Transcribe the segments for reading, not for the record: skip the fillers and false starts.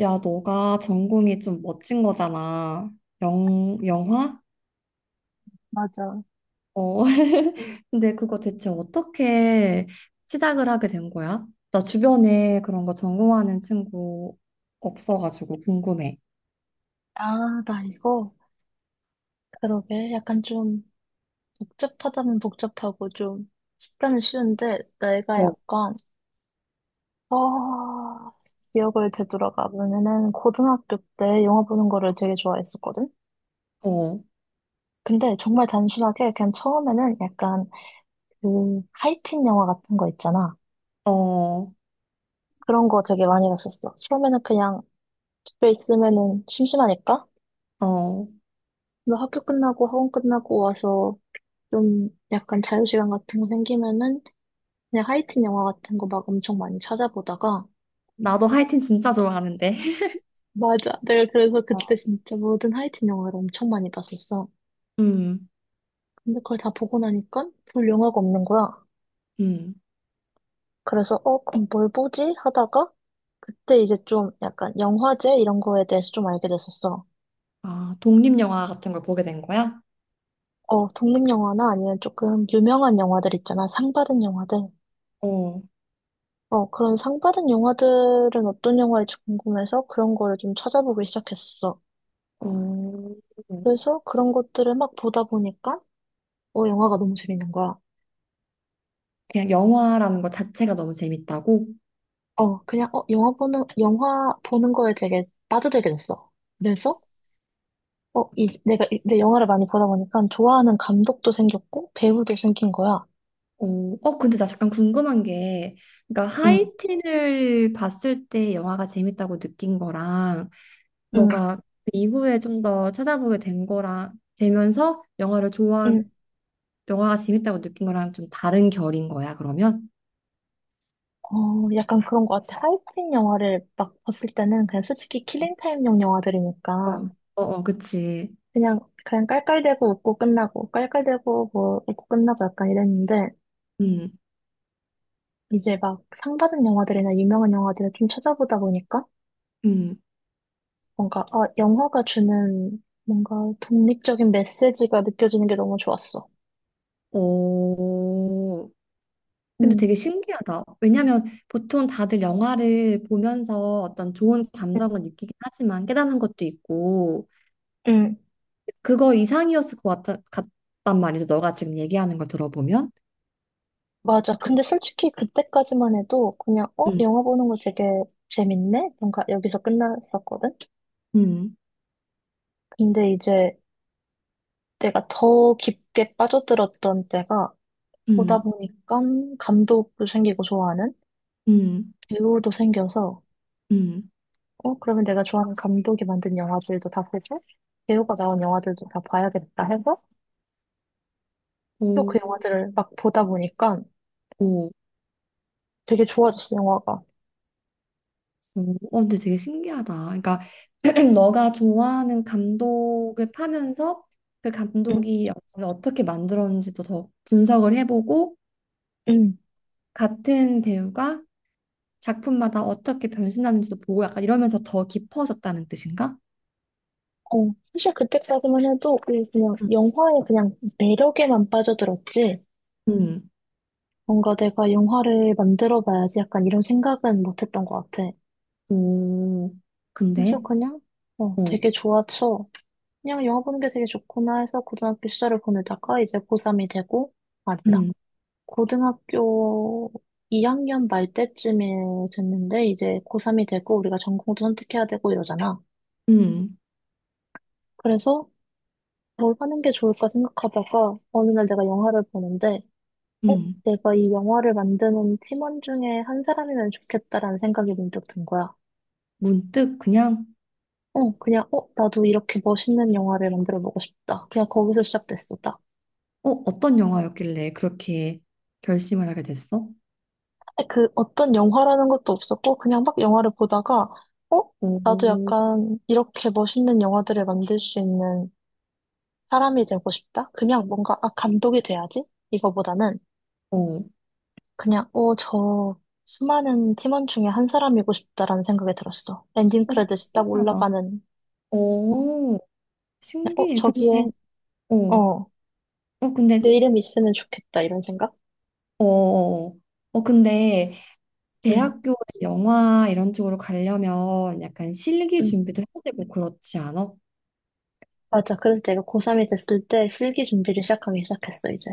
야, 너가 전공이 좀 멋진 거잖아. 영화? 맞아. 어. 근데 그거 대체 어떻게 시작을 하게 된 거야? 나 주변에 그런 거 전공하는 친구 없어가지고 궁금해. 아, 나 이거, 그러게. 약간 좀 복잡하다면 복잡하고 좀 쉽다면 쉬운데, 내가 어, 약간, 아, 기억을 되돌아가 보면은 고등학교 때 영화 보는 거를 되게 좋아했었거든? 어, 근데 정말 단순하게 그냥 처음에는 약간 그 하이틴 영화 같은 거 있잖아. 어, 그런 거 되게 많이 봤었어. 처음에는 그냥 집에 있으면은 심심하니까. 어. 뭐 학교 끝나고 학원 끝나고 와서 좀 약간 자유시간 같은 거 생기면은 그냥 하이틴 영화 같은 거 막 엄청 많이 찾아보다가 나도 하이틴 진짜 좋아하는데. 맞아. 내가 그래서 그때 어. 진짜 모든 하이틴 영화를 엄청 많이 봤었어. 음, 근데 그걸 다 보고 나니까 볼 영화가 없는 거야. 음. 그래서 그럼 뭘 보지? 하다가 그때 이제 좀 약간 영화제 이런 거에 대해서 좀 알게 됐었어. 아, 독립영화 같은 걸 보게 된 거야? 독립영화나 아니면 조금 유명한 영화들 있잖아. 상 받은 영화들. 어, 그런 상 받은 영화들은 어떤 영화인지 궁금해서 그런 거를 좀 찾아보기 시작했었어. 어. 그래서 그런 것들을 막 보다 보니까 영화가 너무 재밌는 거야. 그냥 영화라는 것 자체가 너무 재밌다고? 그냥, 영화 보는 거에 되게 빠져들게 됐어. 그래서, 내가 이제 영화를 많이 보다 보니까 좋아하는 감독도 생겼고, 배우도 생긴 거야. 오, 어, 근데 나 잠깐 궁금한 게, 그러니까 응, 하이틴을 봤을 때 영화가 재밌다고 느낀 거랑, 응, 너가 그 이후에 좀 더 찾아보게 된 거랑, 되면서 영화를 좋아, 응. 영화가 재밌다고 느낀 거랑 좀 다른 결인 거야, 그러면? 약간 그런 것 같아. 하이틴 영화를 막 봤을 때는 그냥 솔직히 킬링타임용 어, 영화들이니까 어, 어, 그치. 그냥 깔깔대고 웃고 끝나고, 깔깔대고 뭐 웃고 끝나고 약간 이랬는데, 음, 이제 막 상 받은 영화들이나 유명한 영화들을 좀 찾아보다 보니까 음. 영화가 주는 뭔가 독립적인 메시지가 느껴지는 게 너무 좋았어. 오, 근데 응, 되게 신기하다. 왜냐면 보통 다들 영화를 보면서 어떤 좋은 응, 감정을 느끼긴 하지만 깨닫는 것도 있고, 응. 그거 이상이었을 것 같단 말이지. 너가 지금 얘기하는 걸 들어보면. 맞아. 근데 솔직히 그때까지만 해도 그냥, 음, 영화 보는 거 되게 재밌네? 뭔가 여기서 끝났었거든? 음, 근데 이제 내가 더 깊게 빠져들었던 때가 보다 음, 보니까 감독도 생기고 좋아하는 음, 배우도 생겨서, 음. 그러면 내가 좋아하는 감독이 만든 영화들도 다 보고, 배우가 나온 영화들도 다 봐야겠다 해서 또 그 오, 영화들을 막 보다 보니까 오, 되게 좋아졌어, 영화가. 오. 어, 근데 되게 신기하다. 그러니까 너가 좋아하는 감독을 파면서 그 응, 감독이 영화를 어떻게 만들었는지도 더 분석을 해보고 응. 같은 배우가 작품마다 어떻게 변신하는지도 보고 약간 이러면서 더 깊어졌다는 뜻인가? 사실 그때까지만 해도 그냥 영화의 그냥 매력에만 빠져들었지. 음, 뭔가 내가 영화를 만들어 봐야지 약간 이런 생각은 못 했던 것 같아. 오, 그래서 근데, 그냥, 어, 되게 좋아서 그냥 영화 보는 게 되게 좋구나 해서 고등학교 시절을 보내다가 이제 고3이 되고, 아니다. 음, 고등학교 2학년 말 때쯤에 됐는데 이제 고3이 되고 우리가 전공도 선택해야 되고 이러잖아. 음. 그래서 뭘 하는 게 좋을까 생각하다가 어느 날 내가 영화를 보는데 음, 내가 이 영화를 만드는 팀원 중에 한 사람이면 좋겠다라는 생각이 문득 든 거야. 문득 그냥 나도 이렇게 멋있는 영화를 만들어 보고 싶다. 그냥 거기서 시작됐어, 딱. 어, 어떤 영화였길래 그렇게 결심을 하게 됐어? 그 어떤 영화라는 것도 없었고 그냥 막 영화를 보다가 어, 나도 오, 약간 이렇게 멋있는 영화들을 만들 수 있는 사람이 되고 싶다. 그냥 뭔가 감독이 돼야지. 이거보다는 어, 그냥, 저 수많은 팀원 중에 한 사람이고 싶다라는 생각이 들었어. 엔딩 어, 진짜 크레딧이 딱 신기하다. 올라가는, 어, 오, 그냥, 신기해. 근데, 어, 어, 어, 근데, 내 이름 있으면 좋겠다, 이런 생각? 어, 어, 어, 근데 응, 대학교에 영화 이런 쪽으로 가려면 약간 실기 응. 준비도 해야 되고 그렇지 않아? 맞아. 그래서 내가 고3이 됐을 때 실기 준비를 시작하기 시작했어, 이제.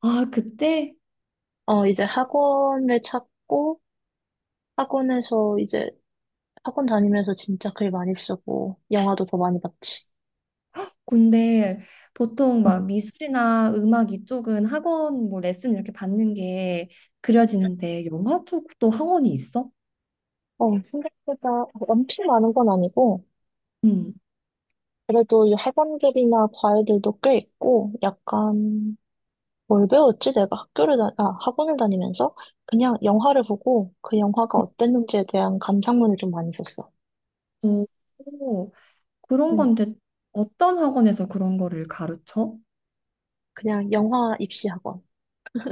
아, 그때 이제 학원을 찾고, 학원에서 이제, 학원 다니면서 진짜 글 많이 쓰고, 영화도 더 많이 봤지. 근데 보통 막 응. 미술이나 음악 이쪽은 학원 뭐 레슨 이렇게 받는 게 그려지는데 영화 쪽도 학원이 있어? 생각보다 엄청 많은 건 아니고, 응. 그래도 이 학원들이나 과외들도 꽤 있고, 약간, 뭘 배웠지? 내가 학교를, 다, 아, 학원을 다니면서 그냥 영화를 보고 그 영화가 어땠는지에 대한 감상문을 좀 많이 썼어. 오, 오, 그런 음, 건데 어떤 학원에서 그런 거를 가르쳐? 그냥 영화 입시 학원.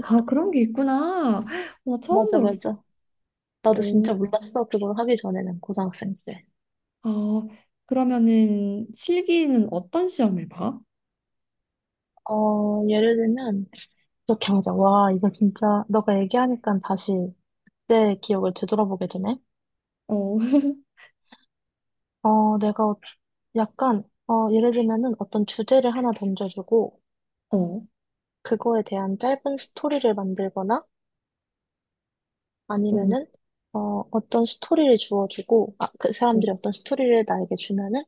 아, 그런 게 있구나. 나 처음 맞아, 들었어. 맞아. 나도 오, 진짜 몰랐어. 그걸 하기 전에는 고등학생 때. 아, 그러면은 실기는 어떤 시험을 봐? 예를 들면, 이렇게 하자. 와, 이거 진짜, 너가 얘기하니까 다시 내 기억을 되돌아보게 되네. 어, 어, 내가 예를 들면은 어떤 주제를 하나 던져주고, 어, 그거에 대한 짧은 스토리를 만들거나 어, 아니면은 어떤 스토리를 주어주고 그 어. 사람들이 어떤 스토리를 나에게 주면은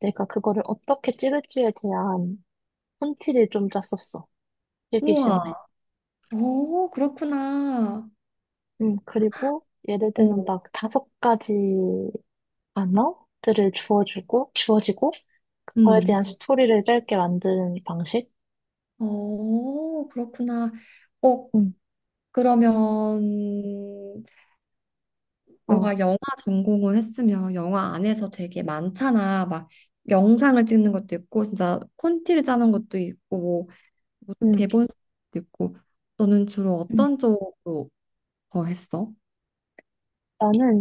내가 그거를 어떻게 찍을지에 대한 콘티를 좀 짰었어. 필기 우와. 시험에. 오, 그렇구나. 그리고 예를 어, 들면 막 다섯 가지 단어들을 주어주고 주어지고 그거에 음. 대한 스토리를 짧게 만드는 방식? 어, 그렇구나. 어, 음, 그러면 어, 너가 영화 전공을 했으면 영화 안에서 되게 많잖아. 막 영상을 찍는 것도 있고 진짜 콘티를 짜는 것도 있고 뭐 음. 대본도 있고 너는 주로 음. 어떤 쪽으로 더 했어? 나는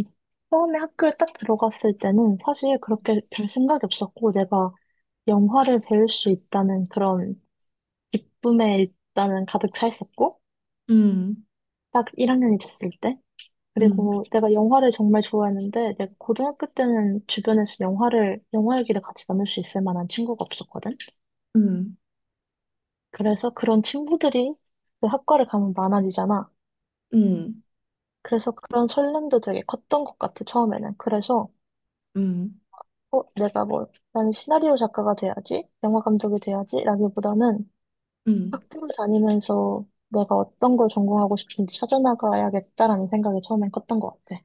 처음에 학교에 딱 들어갔을 때는 사실 그렇게 별 생각이 없었고 내가 영화를 배울 수 있다는 그런 기쁨에 일단은 가득 차 있었고 음, 딱 1학년이 됐을 때 음, 그리고 내가 영화를 정말 좋아했는데 내가 고등학교 때는 주변에서 영화 얘기를 같이 나눌 수 있을 만한 친구가 없었거든. 음, 그래서 그런 친구들이 그 학과를 가면 많아지잖아. 음, 그래서 그런 설렘도 되게 컸던 것 같아 처음에는. 그래서 음, 어, 내가 뭐, 나는 시나리오 작가가 돼야지, 영화 감독이 돼야지, 라기보다는 음, 음. 학교를 다니면서 내가 어떤 걸 전공하고 싶은지 찾아나가야겠다라는 생각이 처음엔 컸던 것 같아.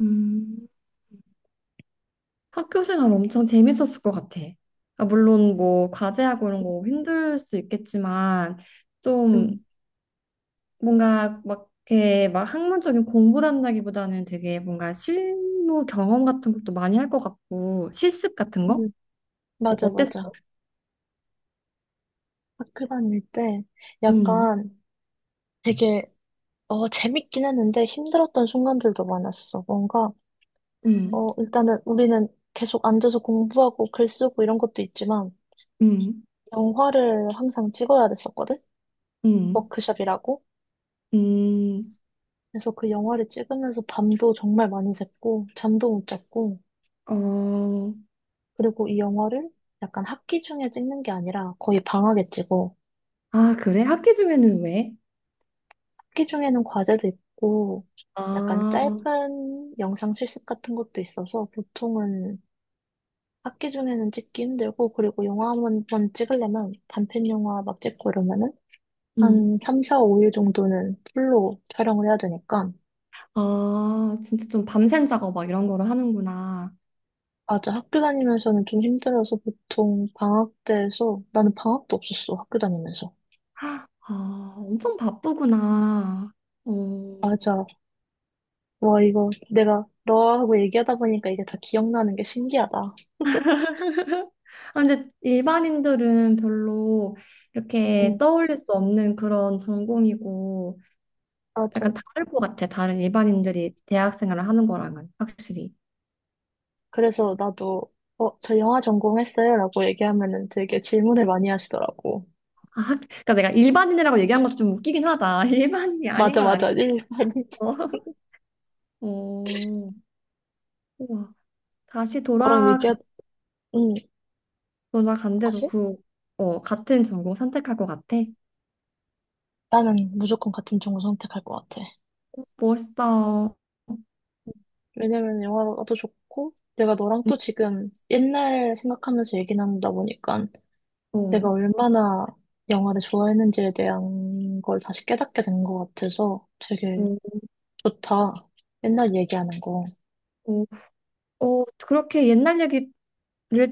음. 학교 생활 엄청 재밌었을 것 같아. 아, 물론 뭐 과제하고 이런 거 힘들 수도 있겠지만 좀 음, 뭔가 막 이렇게 막 학문적인 공부한다기보다는 되게 뭔가 실무 경험 같은 것도 많이 할 것 같고 실습 같은 거? 음, 어, 맞아, 어땠어? 맞아. 학교 다닐 때 음, 약간 되게, 재밌긴 했는데 힘들었던 순간들도 많았어. 음, 일단은 우리는 계속 앉아서 공부하고 글 쓰고 이런 것도 있지만, 음, 영화를 항상 찍어야 됐었거든? 음, 워크숍이라고. 음, 그래서 그 영화를 찍으면서 밤도 정말 많이 샜고, 잠도 못 잤고, 어, 그리고 이 영화를 약간 학기 중에 찍는 게 아니라 거의 방학에 찍어. 아, 그래? 학기 중에는 왜? 학기 중에는 과제도 있고, 약간 아, 짧은 영상 실습 같은 것도 있어서 보통은 학기 중에는 찍기 힘들고, 그리고 영화 한번 찍으려면 단편 영화 막 찍고 이러면은 음, 한 3, 4, 5일 정도는 풀로 촬영을 해야 되니까, 아, 진짜 좀 밤샘 작업 막 이런 거를 하는구나. 맞아. 학교 다니면서는 좀 힘들어서 보통 방학 때에서 나는 방학도 없었어. 학교 다니면서. 아, 엄청 바쁘구나. 어. 맞아. 와, 이거 내가 너하고 얘기하다 보니까 이게 다 기억나는 게 신기하다. 아, 근데 일반인들은 별로 이렇게 응, 떠올릴 수 없는 그런 전공이고 맞아. 약간 다를 것 같아. 다른 일반인들이 대학 생활을 하는 거랑은 확실히. 그래서 나도 저 영화 전공했어요, 라고 얘기하면은 되게 질문을 많이 하시더라고. 아, 그러니까 내가 일반인이라고 얘기한 것도 좀 웃기긴 하다. 일반인이 아닌 맞아, 건 맞아. 아니고. 일반이. 어, 우와. 다시 너랑 돌아 얘기하, 응, 돌아간데도 다시? 그 어, 같은 전공 선택할 것 같아. 나는 무조건 같은 종을 선택할 것 같아. 멋있어. 왜냐면 영화도 좋고, 내가 너랑 음, 또 지금 옛날 생각하면서 얘기 나누다 보니까 어, 내가 얼마나 영화를 좋아했는지에 대한 걸 다시 깨닫게 된 것 같아서 되게 음, 좋다. 옛날 얘기하는 거. 어. 어, 그렇게 옛날 얘기를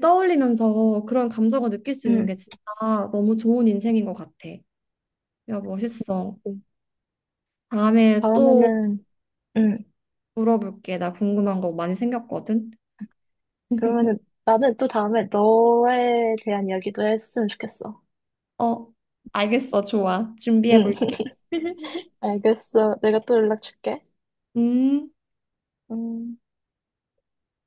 떠올리면서 그런 감정을 느낄 수 있는 응. 게 진짜 너무 좋은 인생인 것 같아. 야, 멋있어. 음. 다음에 또 다음에는, 응. 물어볼게. 나 궁금한 거 많이 생겼거든. 그러면은 나는 또 다음에 너에 대한 이야기도 했으면 좋겠어. 어, 알겠어. 좋아. 준비해 응. 볼게. 알겠어. 내가 또 연락 줄게. 음. 음.